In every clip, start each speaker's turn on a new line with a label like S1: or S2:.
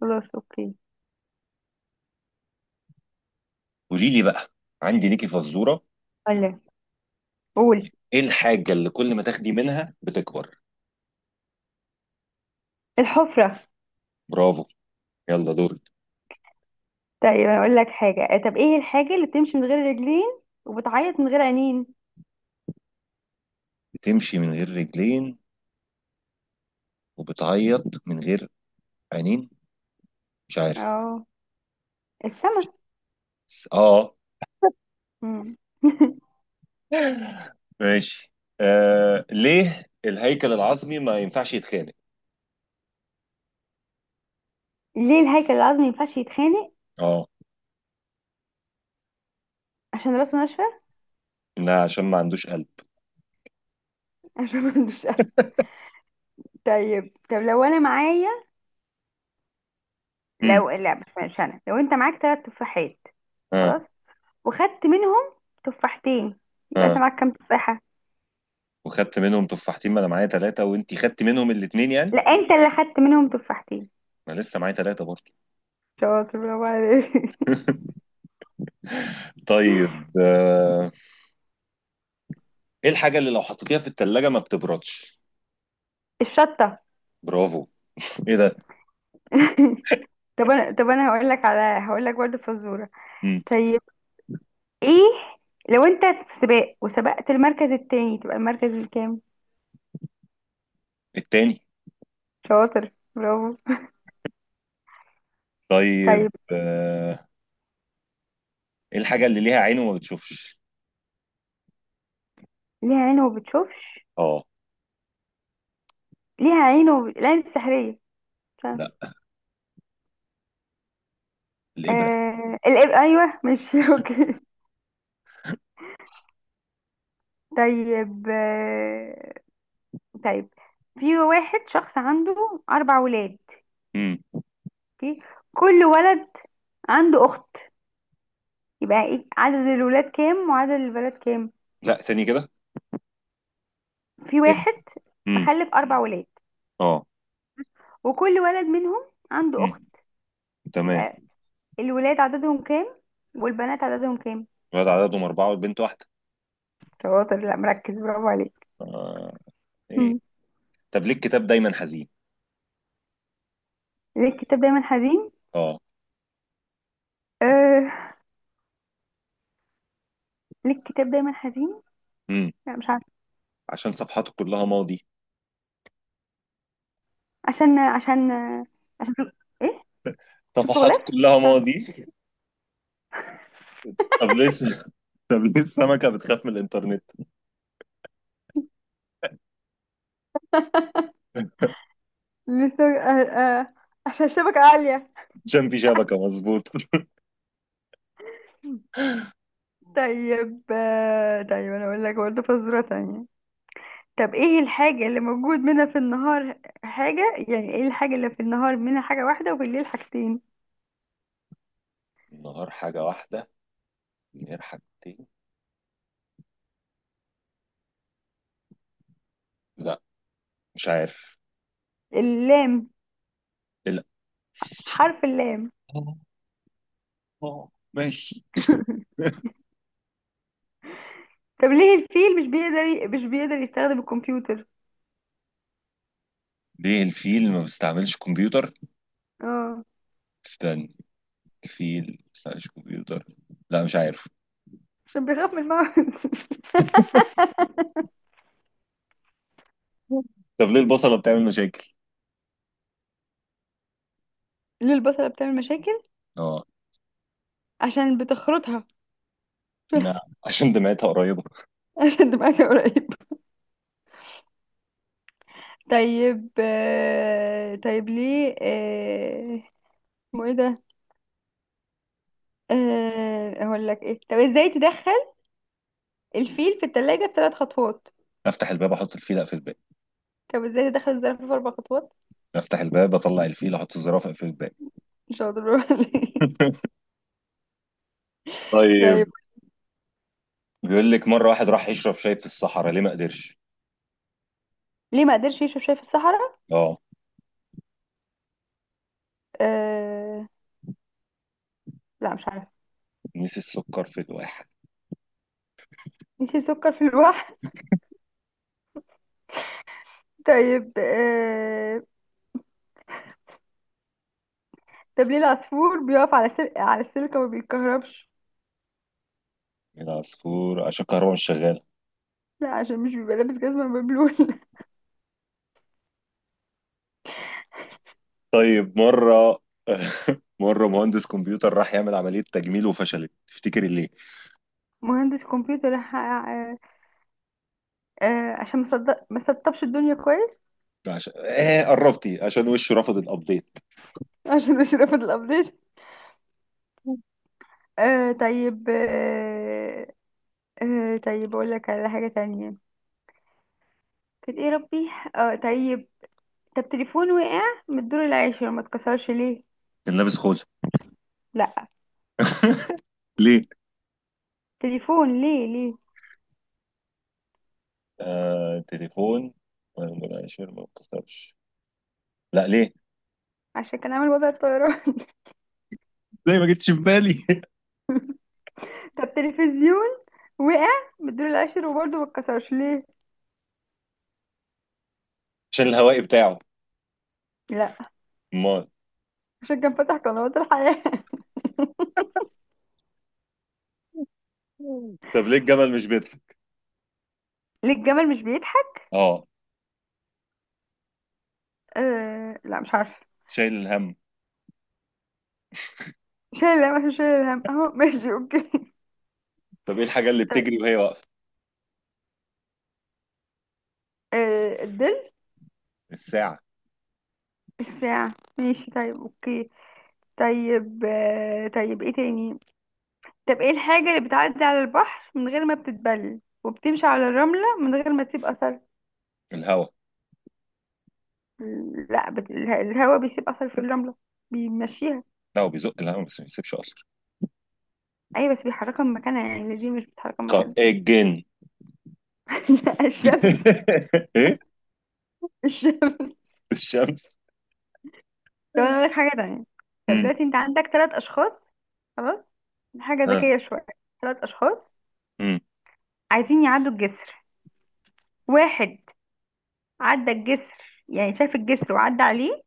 S1: خلاص، اوكي.
S2: قولي لي بقى. عندي ليكي فزورة.
S1: ولا. قول.
S2: ايه الحاجة اللي كل ما تاخدي منها بتكبر؟
S1: الحفرة.
S2: برافو. يلا دورك.
S1: طيب، انا اقول لك حاجة، طب ايه الحاجة اللي بتمشي من غير رجلين وبتعيط من غير عينين؟
S2: بتمشي من غير رجلين وبتعيط من غير عينين. مش عارف.
S1: اه. السما.
S2: اه.
S1: مم.
S2: ماشي. آه، ليه الهيكل العظمي ما ينفعش يتخانق؟
S1: ليه الهيكل العظمي ما ينفعش يتخانق؟
S2: اه،
S1: عشان راسه ناشفة.
S2: انها عشان ما عندوش قلب.
S1: عشان ما عندوش قلب. طيب، لو انا معايا،
S2: امم
S1: لو لا مش مش انا لو انت معاك ثلاث تفاحات،
S2: اه.
S1: خلاص، وخدت منهم تفاحتين، يبقى انت
S2: اه،
S1: معاك كام تفاحة؟
S2: وخدت منهم تفاحتين، ما انا معايا ثلاثة وانتي خدت منهم الاتنين يعني.
S1: لا، انت اللي خدت منهم تفاحتين.
S2: ما لسه معايا ثلاثة برضه.
S1: شاطر، برافو عليك.
S2: طيب آه، ايه الحاجة اللي لو حطيتيها في التلاجة ما بتبردش؟
S1: الشطة.
S2: برافو. ايه ده؟
S1: طب انا هقول لك برضه فزوره.
S2: مم.
S1: طيب، ايه؟ لو انت في سباق وسبقت المركز التاني تبقى المركز الكام؟
S2: التاني.
S1: شاطر، برافو.
S2: طيب
S1: طيب،
S2: آه، ايه الحاجة اللي ليها عين وما بتشوفش؟
S1: ليها عين وما بتشوفش.
S2: اه.
S1: ليها عين العين السحريه. مش عارفة.
S2: لا، الابره.
S1: ايوه، مش اوكي. طيب، طيب، في واحد شخص عنده اربع ولاد،
S2: مم.
S1: اوكي، كل ولد عنده اخت، يبقى ايه عدد الولاد كام وعدد البنات كام؟
S2: لا، تاني كده.
S1: في
S2: ايه.
S1: واحد
S2: مم.
S1: مخلف أربع ولاد،
S2: اه.
S1: وكل ولد منهم عنده أخت،
S2: مم. تمام.
S1: يبقى الولاد عددهم كام والبنات عددهم كام؟
S2: الولد عددهم أربعة والبنت واحدة.
S1: شاطر، لا مركز، برافو عليك.
S2: آه. ايه؟
S1: مم.
S2: طب ليه الكتاب دايما حزين؟
S1: ليه الكتاب دايما حزين؟
S2: اه.
S1: آه ليه الكتاب دايما حزين؟
S2: مم.
S1: لا، مش عارفة.
S2: عشان صفحاته كلها ماضي.
S1: عشان عشان عشان في... ايه، عشان في الغلاف.
S2: صفحاته كلها
S1: مش عارفة.
S2: ماضي. طب لسه طب ليه السمكة بتخاف من الإنترنت؟
S1: لسه. عشان الشبكة عالية.
S2: عشان في شبكة، مظبوط.
S1: طيب، طيب انا اقول لك برضه فزورة تانية. طب ايه الحاجة اللي موجود منها في النهار؟ حاجة يعني ايه الحاجة اللي في النهار منها حاجة واحدة وبالليل حاجتين؟
S2: النهار حاجة واحدة، الليل حاجتين. لا، مش عارف.
S1: اللام،
S2: لا.
S1: حرف اللام.
S2: آه، آه، ماشي.
S1: طب ليه الفيل مش بيقدر مش بيقدر يستخدم الكمبيوتر؟
S2: ليه الفيل ما بيستعملش كمبيوتر؟
S1: اه.
S2: استنى، الفيل ما بيستعملش كمبيوتر. لا، مش عارف.
S1: عشان بيخاف من الماوس.
S2: طب ليه البصلة بتعمل مشاكل؟
S1: ليه البصلة بتعمل مشاكل؟
S2: اه.
S1: عشان بتخرطها.
S2: لا، عشان دمعتها قريبة.
S1: عشان دماغها قريب. طيب، طيب ليه، اسمه ايه ده؟ اقول لك ايه، طب ازاي تدخل الفيل في التلاجة بثلاث خطوات؟
S2: افتح الباب، احط الفيل، اقفل الباب.
S1: طب ازاي دخل الزرافه في اربع خطوات؟
S2: افتح الباب، اطلع الفيل، احط الزرافة، اقفل الباب.
S1: مش هقدر. برافو عليك. طيب.
S2: طيب. بيقول لك مرة واحد راح يشرب شاي في الصحراء، ليه ما قدرش؟
S1: ليه ما قدرش يشرب شاي في الصحراء؟
S2: اه.
S1: آه... لا، مش عارفه.
S2: نسي السكر في الواحد.
S1: نسي سكر في الواح. طيب، طب ليه العصفور بيقف على السلك وما بيتكهربش؟
S2: العصفور عشان الكهرباء مش شغالة.
S1: لا، عشان مش بيبقى لابس جزمه مبلول.
S2: طيب مرة، مرة مهندس كمبيوتر راح يعمل عملية تجميل وفشلت، تفتكر ليه؟
S1: مهندس كمبيوتر عشان ما صدق ما سطبش الدنيا كويس.
S2: عشان آه، قربتي، عشان وشه رفض الابديت.
S1: عشان مش رافض الابديت. طيب، طيب اقول لك على حاجه تانية. كانت ايه ربي؟ اه، طيب. طب تليفون وقع من الدور العاشر ما اتكسرش ليه؟
S2: كان لابس خوذه.
S1: لا.
S2: ليه؟
S1: تليفون. ليه؟
S2: آه تليفون. ولا شير ما اتكسرش. لا، ليه؟
S1: عشان كان عامل وضع الطيران.
S2: زي ما جتش في بالي.
S1: طب تلفزيون وقع من الدور العاشر وبرضه ما اتكسرش ليه؟
S2: عشان الهوائي بتاعه.
S1: لا،
S2: امال.
S1: عشان كان فتح قنوات الحياة.
S2: طب ليه الجمل مش بيطلع؟
S1: ليه الجمل مش بيضحك؟
S2: اه.
S1: لا، مش عارفه.
S2: شايل الهم.
S1: شايل الهم، عشان شايل الهم اهو، ماشي، اوكي.
S2: طب ايه الحاجه اللي
S1: طيب،
S2: بتجري وهي واقفه؟
S1: الظل.
S2: الساعه.
S1: الساعة، ماشي، طيب، اوكي. طيب، طيب، ايه تاني؟ طب ايه الحاجة اللي بتعدي على البحر من غير ما بتتبل وبتمشي على الرملة من غير ما تسيب أثر؟
S2: الهوا.
S1: لا، الهوا بيسيب اثر في الرمله، بيمشيها.
S2: لا، هو بيزق الهوا بس ما بيسيبش اثر.
S1: ايوه، بس بيحركها من مكانها يعني، دي مش بتحركها من مكانها.
S2: إيه الجن؟
S1: لا، الشمس.
S2: ايه.
S1: الشمس.
S2: الشمس.
S1: طب انا اقول لك حاجه تانية. طب
S2: امم
S1: دلوقتي انت عندك ثلاث اشخاص، خلاص، دي حاجه
S2: ها.
S1: ذكيه شويه. ثلاث اشخاص
S2: امم
S1: عايزين يعدوا الجسر. واحد عدى الجسر، يعني شاف الجسر وعدى عليه.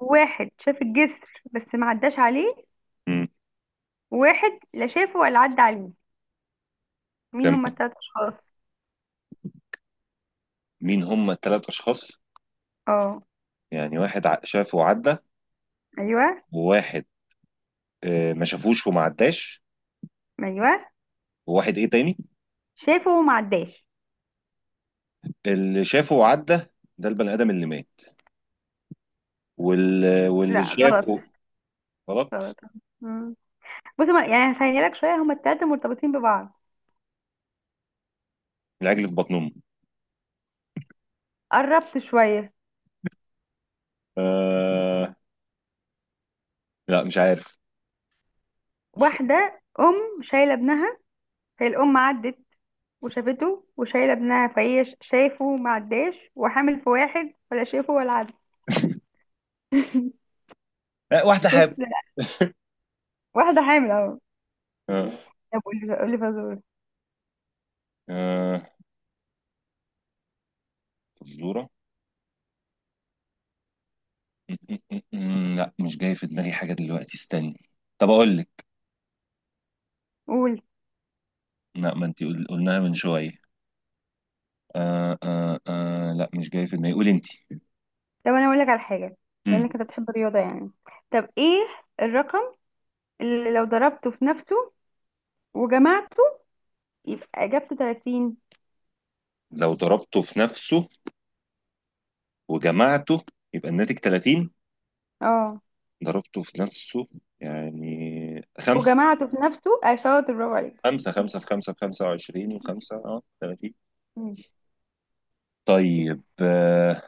S1: واحد شاف الجسر بس ما عداش عليه.
S2: امم
S1: واحد لا شافه ولا عدى عليه. مين
S2: تمام.
S1: هما الثلاث اشخاص؟
S2: مين هم الثلاث اشخاص؟
S1: اه.
S2: يعني واحد شافه وعدى،
S1: ايوه،
S2: وواحد آه، ما شافوش وما عداش،
S1: ايوه.
S2: وواحد ايه تاني؟
S1: شافه وما عداش.
S2: اللي شافه وعدى ده البني ادم اللي مات، واللي
S1: لا، غلط.
S2: شافه. غلط.
S1: غلط. مم. بصي، يعني هسهلها لك شوية، هما التلاتة مرتبطين ببعض.
S2: العجل في بطن امه.
S1: قربت شوية.
S2: آه... لا، مش عارف. مش فاهم.
S1: واحدة أم شايلة ابنها. هي الأم عدت وشافته، وشايلة ابنها، فهي شايفه، ما عداش، وحامل في واحد ولا شايفه ولا عدى.
S2: آه، واحده
S1: بس
S2: حاب.
S1: لا، واحدة حامل اهو.
S2: آه...
S1: طب قولي، قولي فزورة.
S2: آه... فزوره. م- م- م- لا، مش جاي في دماغي حاجه دلوقتي، استني. طب اقول لك.
S1: قول.
S2: لا، ما انت قلناها من شويه. لا، مش جاي في دماغي، قولي انت.
S1: طب أنا أقول لك على حاجة. بما
S2: مم.
S1: إنك أنت بتحب الرياضة يعني، طب إيه الرقم اللي لو ضربته في نفسه وجمعته يبقى إجابته 30؟
S2: لو ضربته في نفسه وجمعته يبقى الناتج 30؟
S1: اه،
S2: ضربته في نفسه يعني خمسة.
S1: وجمعته في نفسه. شاطر برافو عليك.
S2: خمسة، خمسة في خمسة في خمسة وعشرين، وخمسة اه 30.
S1: ماشي.
S2: طيب آه،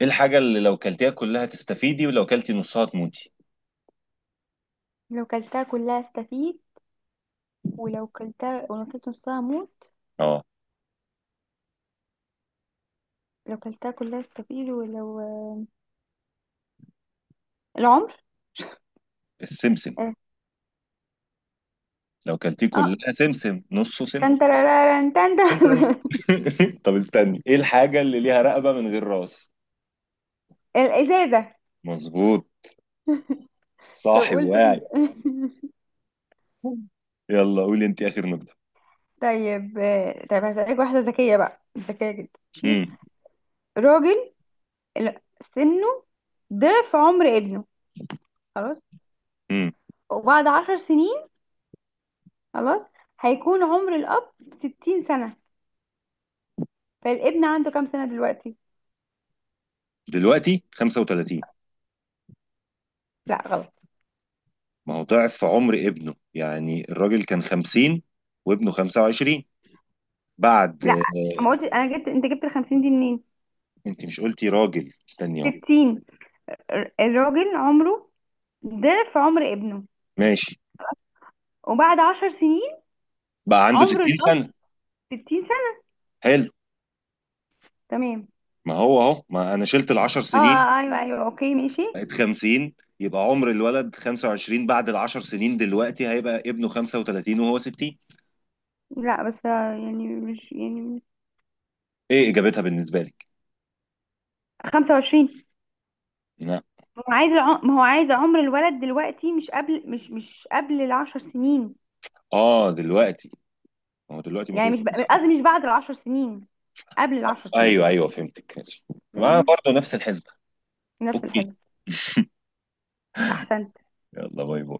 S2: ايه الحاجة اللي لو كلتيها كلها تستفيدي ولو كلتي نصها تموتي؟
S1: لو كلتها كلها استفيد ولو كلت نصها موت.
S2: اه.
S1: لو كلتها كلها استفيد ولو، العمر.
S2: السمسم.
S1: اه.
S2: لو كلتيه
S1: آه.
S2: كلها سمسم، نصه سم.
S1: تن ترارارن تن تن.
S2: استنى. طب استني، ايه الحاجة اللي ليها رقبة من غير راس؟
S1: الازازه.
S2: مظبوط.
S1: طب
S2: صاحي
S1: قلت تاني.
S2: واعي. يلا قولي انت اخر نقطة.
S1: طيب، طيب هسألك واحده ذكيه بقى، ذكيه جدا. ماشي،
S2: امم
S1: راجل ال- سنه ضعف عمر ابنه، خلاص،
S2: امم
S1: وبعد 10 سنين، خلاص، هيكون عمر الاب 60 سنه، فالابن عنده كام سنه دلوقتي؟
S2: دلوقتي 35.
S1: لا.
S2: ما هو ضعف في عمر ابنه، يعني الراجل كان 50 وابنه 25. بعد
S1: لا، ما
S2: آه،
S1: قلت انا. جبت انت؟ جبت ال 50 دي منين؟
S2: انت مش قلتي راجل؟ استني اهو.
S1: 60. الراجل عمره ضعف عمر ابنه،
S2: ماشي.
S1: وبعد 10 سنين
S2: بقى عنده
S1: عمر
S2: 60
S1: الاب
S2: سنة.
S1: 60 سنه.
S2: حلو.
S1: تمام.
S2: ما هو اهو، ما انا شلت ال 10
S1: اه،
S2: سنين
S1: ايوه، ايوه، اوكي، ماشي.
S2: بقت 50، يبقى عمر الولد 25. بعد ال 10 سنين دلوقتي هيبقى ابنه 35 وهو 60.
S1: لا بس، يعني مش يعني،
S2: ايه اجابتها بالنسبة لك؟
S1: 25.
S2: لا.
S1: ما هو عايز ما هو عايز عمر الولد دلوقتي مش قبل، مش قبل ال 10 سنين.
S2: اه دلوقتي. ما هو دلوقتي المفروض
S1: يعني مش
S2: يبقى
S1: قصدي
S2: 35.
S1: مش بعد ال 10 سنين، قبل ال 10 سنين.
S2: ايوه ايوه، فهمتك، ماشي. يبقى
S1: تمام.
S2: برضه نفس الحسبة.
S1: نفس
S2: اوكي.
S1: الحزب. احسنت.
S2: يلا، باي باي.